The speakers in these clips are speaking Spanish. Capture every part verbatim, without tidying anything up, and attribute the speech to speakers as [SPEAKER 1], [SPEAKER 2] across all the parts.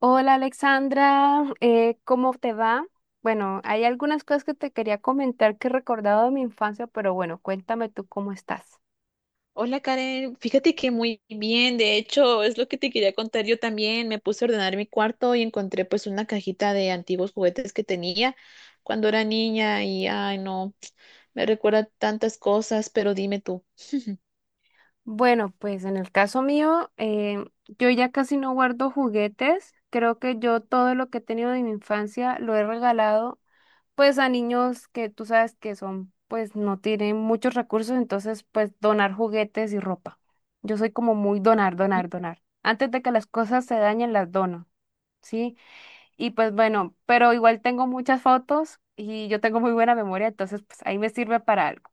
[SPEAKER 1] Hola Alexandra, eh, ¿cómo te va? Bueno, hay algunas cosas que te quería comentar que he recordado de mi infancia, pero bueno, cuéntame tú cómo estás.
[SPEAKER 2] Hola Karen, fíjate que muy bien, de hecho es lo que te quería contar yo también, me puse a ordenar mi cuarto y encontré pues una cajita de antiguos juguetes que tenía cuando era niña y ay no, me recuerda tantas cosas, pero dime tú.
[SPEAKER 1] Bueno, pues en el caso mío, eh, yo ya casi no guardo juguetes. Creo que yo todo lo que he tenido de mi infancia lo he regalado pues a niños que tú sabes que son, pues no tienen muchos recursos, entonces pues donar juguetes y ropa. Yo soy como muy donar, donar, donar. Antes de que las cosas se dañen, las dono, ¿sí? Y pues bueno, pero igual tengo muchas fotos y yo tengo muy buena memoria, entonces pues ahí me sirve para algo.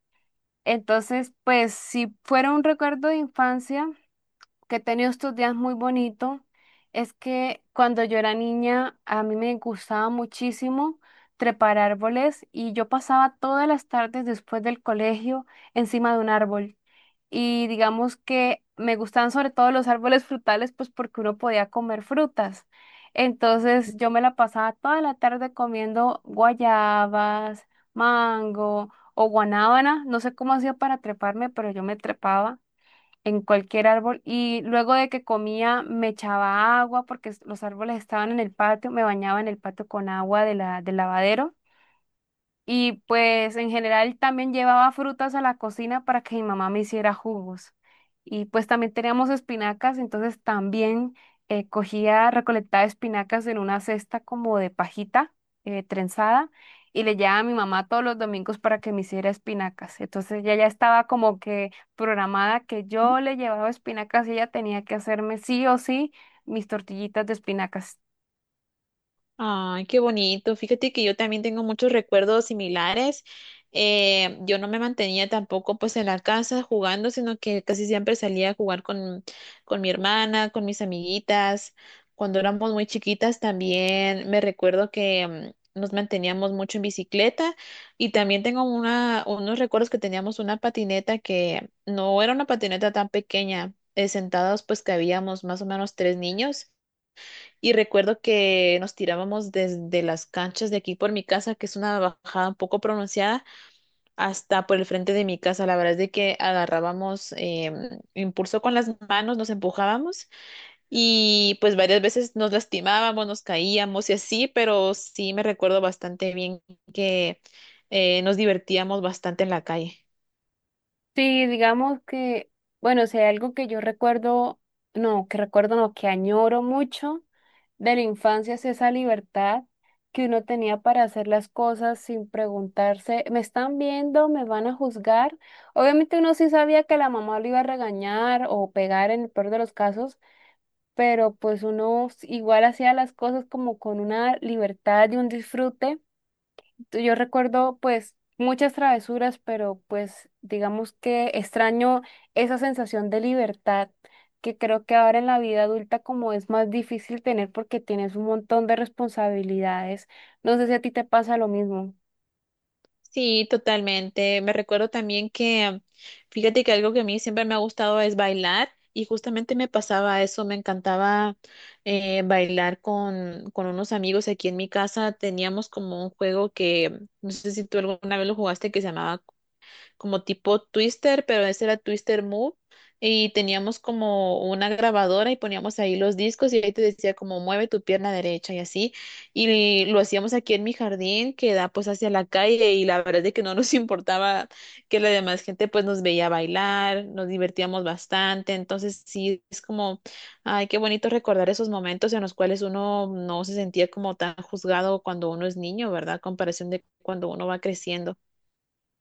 [SPEAKER 1] Entonces, pues si fuera un recuerdo de infancia que he tenido estos días muy bonito, es que cuando yo era niña a mí me gustaba muchísimo trepar árboles y yo pasaba todas las tardes después del colegio encima de un árbol y digamos que me gustaban sobre todo los árboles frutales, pues porque uno podía comer frutas. Entonces yo me la pasaba toda la tarde comiendo guayabas, mango o guanábana, no sé cómo hacía para treparme, pero yo me trepaba en cualquier árbol y luego de que comía me echaba agua porque s- los árboles estaban en el patio, me bañaba en el patio con agua de la, del lavadero y pues en general también llevaba frutas a la cocina para que mi mamá me hiciera jugos. Y pues también teníamos espinacas, entonces también eh, cogía, recolectaba espinacas en una cesta como de pajita eh, trenzada y le llevaba a mi mamá todos los domingos para que me hiciera espinacas. Entonces ya ya estaba como que programada que yo le llevaba espinacas y ella tenía que hacerme sí o sí mis tortillitas de espinacas.
[SPEAKER 2] Ay, qué bonito. Fíjate que yo también tengo muchos recuerdos similares. Eh, yo no me mantenía tampoco pues en la casa jugando, sino que casi siempre salía a jugar con, con mi hermana, con mis amiguitas. Cuando éramos muy chiquitas también me recuerdo que mm, nos manteníamos mucho en bicicleta y también tengo una, unos recuerdos que teníamos una patineta que no era una patineta tan pequeña, eh, sentados pues que habíamos más o menos tres niños. Y recuerdo que nos tirábamos desde las canchas de aquí por mi casa, que es una bajada un poco pronunciada, hasta por el frente de mi casa. La verdad es de que agarrábamos em, impulso con las manos, nos empujábamos y pues varias veces nos lastimábamos, nos caíamos y así, pero sí me recuerdo bastante bien que eh, nos divertíamos bastante en la calle.
[SPEAKER 1] Sí, digamos que, bueno, si sea, algo que yo recuerdo, no, que recuerdo, no, que añoro mucho de la infancia es esa libertad que uno tenía para hacer las cosas sin preguntarse, ¿me están viendo? ¿Me van a juzgar? Obviamente uno sí sabía que la mamá lo iba a regañar o pegar en el peor de los casos, pero pues uno igual hacía las cosas como con una libertad y un disfrute. Yo recuerdo pues muchas travesuras, pero pues digamos que extraño esa sensación de libertad que creo que ahora en la vida adulta como es más difícil tener porque tienes un montón de responsabilidades. No sé si a ti te pasa lo mismo.
[SPEAKER 2] Sí, totalmente. Me recuerdo también que, fíjate que algo que a mí siempre me ha gustado es bailar y justamente me pasaba eso, me encantaba eh, bailar con, con unos amigos aquí en mi casa. Teníamos como un juego que, no sé si tú alguna vez lo jugaste, que se llamaba como tipo Twister, pero ese era Twister Move. Y teníamos como una grabadora y poníamos ahí los discos y ahí te decía como mueve tu pierna derecha y así. Y lo hacíamos aquí en mi jardín que da pues hacia la calle y la verdad es de que no nos importaba que la demás gente pues nos veía bailar, nos divertíamos bastante. Entonces sí, es como, ay, qué bonito recordar esos momentos en los cuales uno no se sentía como tan juzgado cuando uno es niño, ¿verdad? Comparación de cuando uno va creciendo.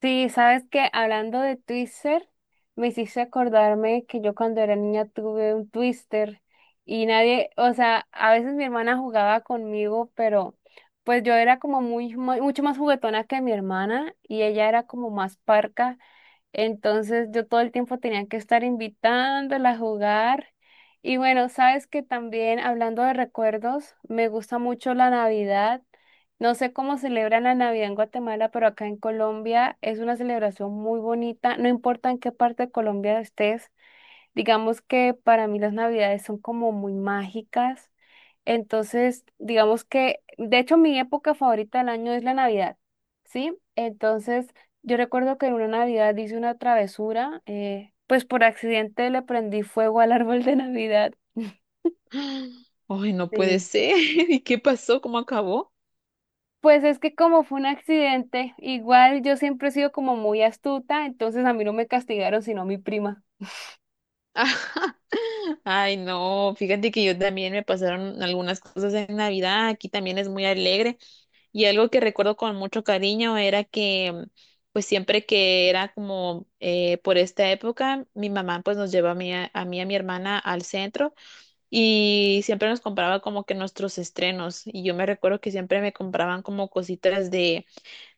[SPEAKER 1] Sí, sabes que hablando de Twister, me hiciste acordarme que yo cuando era niña tuve un Twister y nadie, o sea, a veces mi hermana jugaba conmigo, pero pues yo era como muy, muy- mucho más juguetona que mi hermana y ella era como más parca. Entonces yo todo el tiempo tenía que estar invitándola a jugar. Y bueno, sabes que también hablando de recuerdos, me gusta mucho la Navidad. No sé cómo celebran la Navidad en Guatemala, pero acá en Colombia es una celebración muy bonita. No importa en qué parte de Colombia estés, digamos que para mí las Navidades son como muy mágicas. Entonces, digamos que, de hecho, mi época favorita del año es la Navidad, ¿sí? Entonces, yo recuerdo que en una Navidad hice una travesura, eh, pues por accidente le prendí fuego al árbol de Navidad.
[SPEAKER 2] Ay, no puede
[SPEAKER 1] Sí.
[SPEAKER 2] ser. ¿Y qué pasó? ¿Cómo acabó?
[SPEAKER 1] Pues es que como fue un accidente, igual yo siempre he sido como muy astuta, entonces a mí no me castigaron, sino mi prima.
[SPEAKER 2] Ajá. Ay, no, fíjate que yo también me pasaron algunas cosas en Navidad, aquí también es muy alegre y algo que recuerdo con mucho cariño era que pues siempre que era como eh, por esta época, mi mamá pues nos llevaba a mí, a a mí y a mi hermana al centro y siempre nos compraba como que nuestros estrenos y yo me recuerdo que siempre me compraban como cositas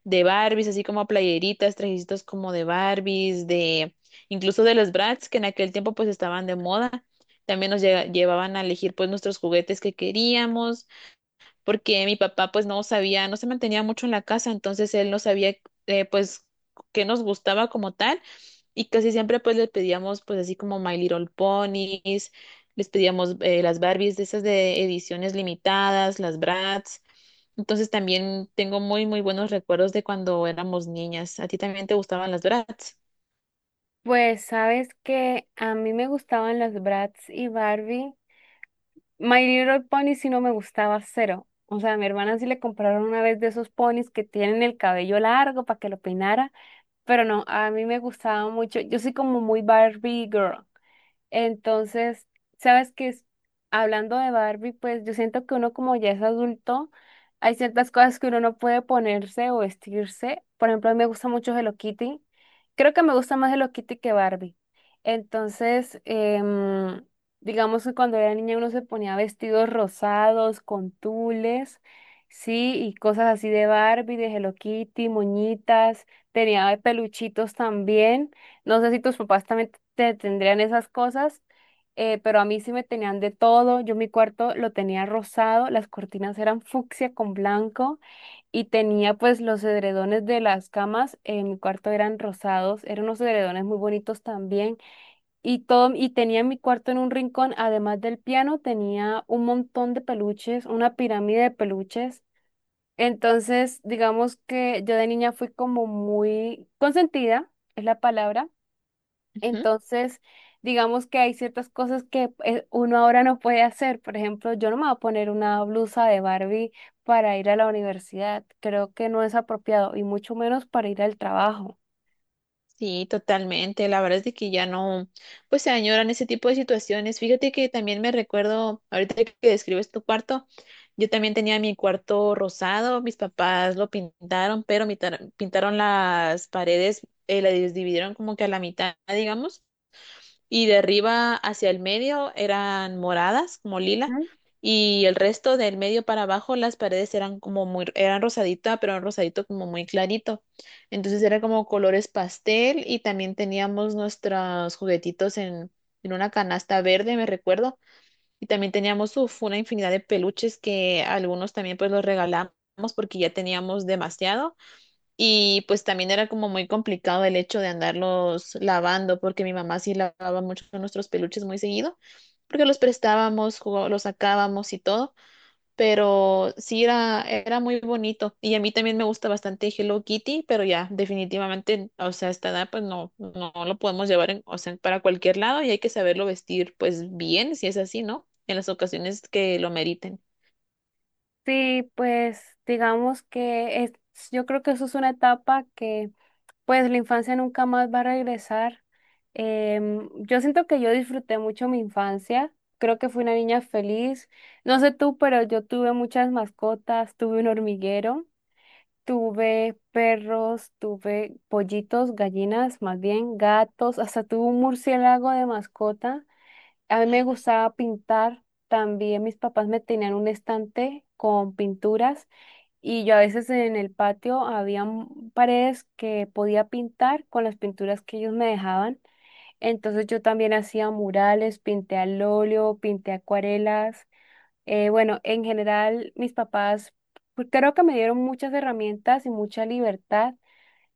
[SPEAKER 2] de Barbies, así como playeritas, trajecitos como de Barbies, de incluso de los Bratz, que en aquel tiempo pues estaban de moda. También nos lle- llevaban a elegir pues nuestros juguetes que queríamos porque mi papá pues no sabía, no se mantenía mucho en la casa, entonces él no sabía eh, pues qué nos gustaba como tal y casi siempre pues le pedíamos pues así como My Little Ponies, les pedíamos eh, las Barbies de esas de ediciones limitadas, las Bratz. Entonces también tengo muy muy buenos recuerdos de cuando éramos niñas. ¿A ti también te gustaban las Bratz?
[SPEAKER 1] Pues sabes que a mí me gustaban las Bratz y Barbie, My Little Pony sí no me gustaba cero. O sea, a mi hermana sí le compraron una vez de esos ponis que tienen el cabello largo para que lo peinara, pero no, a mí me gustaba mucho. Yo soy como muy Barbie Girl. Entonces, sabes que es- hablando de Barbie, pues yo siento que uno como ya es adulto, hay ciertas cosas que uno no puede ponerse o vestirse. Por ejemplo, a mí me gusta mucho Hello Kitty. Creo que me gusta más Hello Kitty que Barbie. Entonces, em, digamos que cuando era niña uno se ponía vestidos rosados, con tules, sí, y cosas así de Barbie, de Hello Kitty, moñitas, tenía peluchitos también. No sé si tus papás también te tendrían esas cosas, eh, pero a mí sí me tenían de todo. Yo mi cuarto lo tenía rosado, las cortinas eran fucsia con blanco y tenía pues los edredones de las camas en mi cuarto eran rosados, eran unos edredones muy bonitos también y todo y tenía en mi cuarto en un rincón, además del piano, tenía un montón de peluches, una pirámide de peluches. Entonces, digamos que yo de niña fui como muy consentida, es la palabra entonces, digamos que hay ciertas cosas que eh, uno ahora no puede hacer. Por ejemplo, yo no me voy a poner una blusa de Barbie para ir a la universidad. Creo que no es apropiado y mucho menos para ir al trabajo.
[SPEAKER 2] Sí, totalmente. La verdad es de que ya no, pues se añoran ese tipo de situaciones. Fíjate que también me recuerdo, ahorita que describes tu cuarto, yo también tenía mi cuarto rosado, mis papás lo pintaron, pero mitar- pintaron las paredes, eh, las dividieron como que a la mitad, digamos y de arriba hacia el medio eran moradas, como lila,
[SPEAKER 1] ¿Mm?
[SPEAKER 2] y el resto del medio para abajo las paredes eran como muy, eran rosadita, pero un rosadito como muy clarito. Entonces era como colores pastel y también teníamos nuestros juguetitos en, en una canasta verde, me recuerdo, y también teníamos uf, una infinidad de peluches que algunos también pues los regalamos porque ya teníamos demasiado y pues también era como muy complicado el hecho de andarlos lavando, porque mi mamá sí lavaba mucho nuestros peluches muy seguido, porque los prestábamos, jugó- los sacábamos y todo, pero sí era, era muy bonito. Y a mí también me gusta bastante Hello Kitty, pero ya, definitivamente, o sea, a esta edad pues no, no lo podemos llevar en- o sea, para cualquier lado y hay que saberlo vestir pues bien, si es así, ¿no? En las ocasiones que lo meriten.
[SPEAKER 1] Sí, pues digamos que es, yo creo que eso es una etapa que pues la infancia nunca más va a regresar. Em, yo siento que yo disfruté mucho mi infancia, creo que fui una niña feliz. No sé tú, pero yo tuve muchas mascotas, tuve un hormiguero. Tuve perros, tuve pollitos, gallinas, más bien gatos, hasta tuve un murciélago de mascota. A mí me gustaba pintar. También mis papás me tenían un estante con pinturas y yo a veces en el patio había m- paredes que podía pintar con las pinturas que ellos me dejaban. Entonces yo también hacía murales, pinté al óleo, pinté acuarelas. Eh, bueno, en general, mis papás pues, creo que me dieron muchas herramientas y mucha libertad.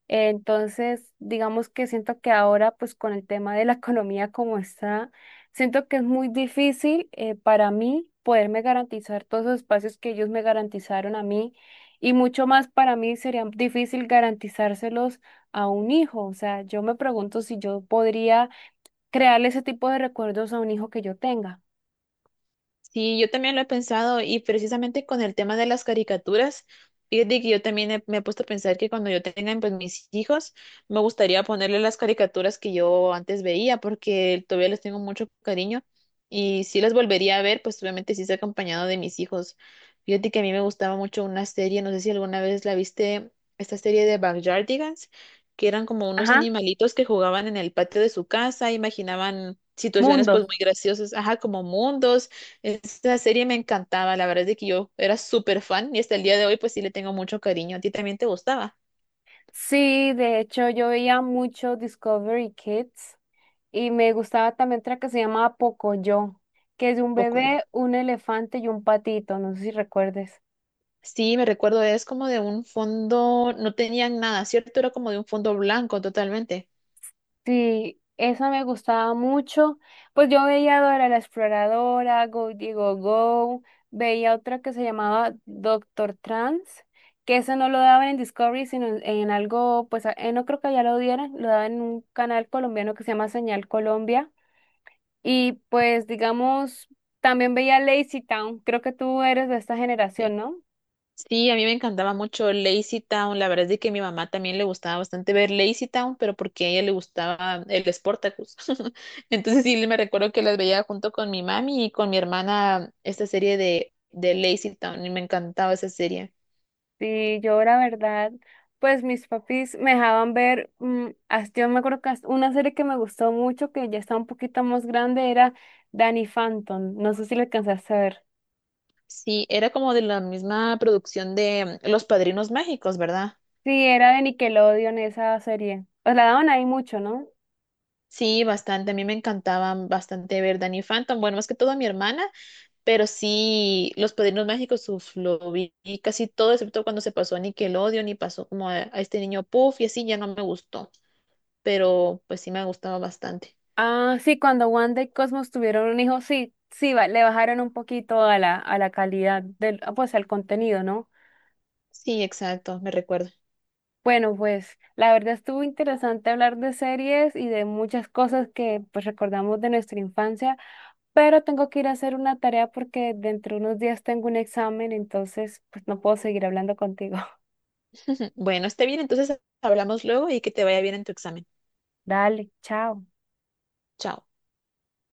[SPEAKER 1] Eh, entonces, digamos que siento que ahora, pues con el tema de la economía como está, siento que es muy difícil eh, para mí poderme garantizar todos los espacios que ellos me garantizaron a mí. Y mucho más para mí sería difícil garantizárselos a un hijo. O sea, yo me pregunto si yo podría crearle ese tipo de recuerdos a un hijo que yo tenga.
[SPEAKER 2] Sí, yo también lo he pensado y precisamente con el tema de las caricaturas, fíjate que yo también he- me he puesto a pensar que cuando yo tenga pues, mis hijos, me gustaría ponerle las caricaturas que yo antes veía porque todavía les tengo mucho cariño y si las volvería a ver, pues obviamente sí es acompañado de mis hijos. Fíjate que a mí me gustaba mucho una serie, no sé si alguna vez la viste, esta serie de Backyardigans, que eran como unos
[SPEAKER 1] Ajá,
[SPEAKER 2] animalitos que jugaban en el patio de su casa, imaginaban situaciones pues
[SPEAKER 1] mundos.
[SPEAKER 2] muy graciosas, ajá, como mundos esta serie me encantaba, la verdad es de que yo era súper fan y hasta el día de hoy pues sí le tengo mucho cariño. ¿A ti también te gustaba?
[SPEAKER 1] Sí, de hecho yo veía mucho Discovery Kids y me gustaba también otra que se llamaba Pocoyo, que es de un
[SPEAKER 2] Poco yo.
[SPEAKER 1] bebé, un elefante y un patito, no sé si recuerdes.
[SPEAKER 2] Sí, me recuerdo, es como de un fondo, no tenían nada, ¿cierto? Era como de un fondo blanco totalmente.
[SPEAKER 1] Sí, esa me gustaba mucho. Pues yo veía Dora la Exploradora, Go Digo Go, veía otra que se llamaba Doctor Trans, que ese no lo daban en Discovery, sino en, en algo, pues a- eh, no creo que ya lo dieran, lo daban en un canal colombiano que se llama Señal Colombia. Y pues, digamos, también veía Lazy Town. Creo que tú eres de esta
[SPEAKER 2] Sí,
[SPEAKER 1] generación, ¿no?
[SPEAKER 2] sí, a mí me encantaba mucho Lazy Town, la verdad es de que a mi mamá también le gustaba bastante ver Lazy Town, pero porque a ella le gustaba el Sportacus. Entonces sí, me recuerdo que las veía junto con mi mami y con mi hermana esta serie de, de Lazy Town y me encantaba esa serie.
[SPEAKER 1] Sí, yo la verdad, pues mis papis me dejaban ver, mm, hasta- yo me acuerdo que hasta una serie que me gustó mucho, que ya está un poquito más grande, era Danny Phantom. No sé si la alcanzaste a ver.
[SPEAKER 2] Sí, era como de la misma producción de mm, Los Padrinos Mágicos, ¿verdad?
[SPEAKER 1] Sí, era de Nickelodeon esa serie. Os la daban ahí mucho, ¿no?
[SPEAKER 2] Sí, bastante. A mí me encantaban bastante ver Danny Phantom. Bueno, más que todo a mi hermana, pero sí, Los Padrinos Mágicos, uf, lo vi casi todo, excepto cuando se pasó a Nickelodeon y pasó como a, a este niño Puff y así, ya no me gustó. Pero pues sí me gustaba bastante.
[SPEAKER 1] Ah, sí, cuando Wanda y Cosmos tuvieron un hijo, sí, sí, ba- le bajaron un poquito a la, a la calidad del, ah, pues al contenido, ¿no?
[SPEAKER 2] Sí, exacto, me recuerdo.
[SPEAKER 1] Bueno, pues la verdad estuvo interesante hablar de series y de muchas cosas que pues recordamos de nuestra infancia, pero tengo que ir a hacer una tarea porque dentro de unos días tengo un examen, entonces pues no puedo seguir hablando contigo.
[SPEAKER 2] Bueno, esté bien, entonces hablamos luego y que te vaya bien en tu examen.
[SPEAKER 1] Dale, chao.
[SPEAKER 2] Chao.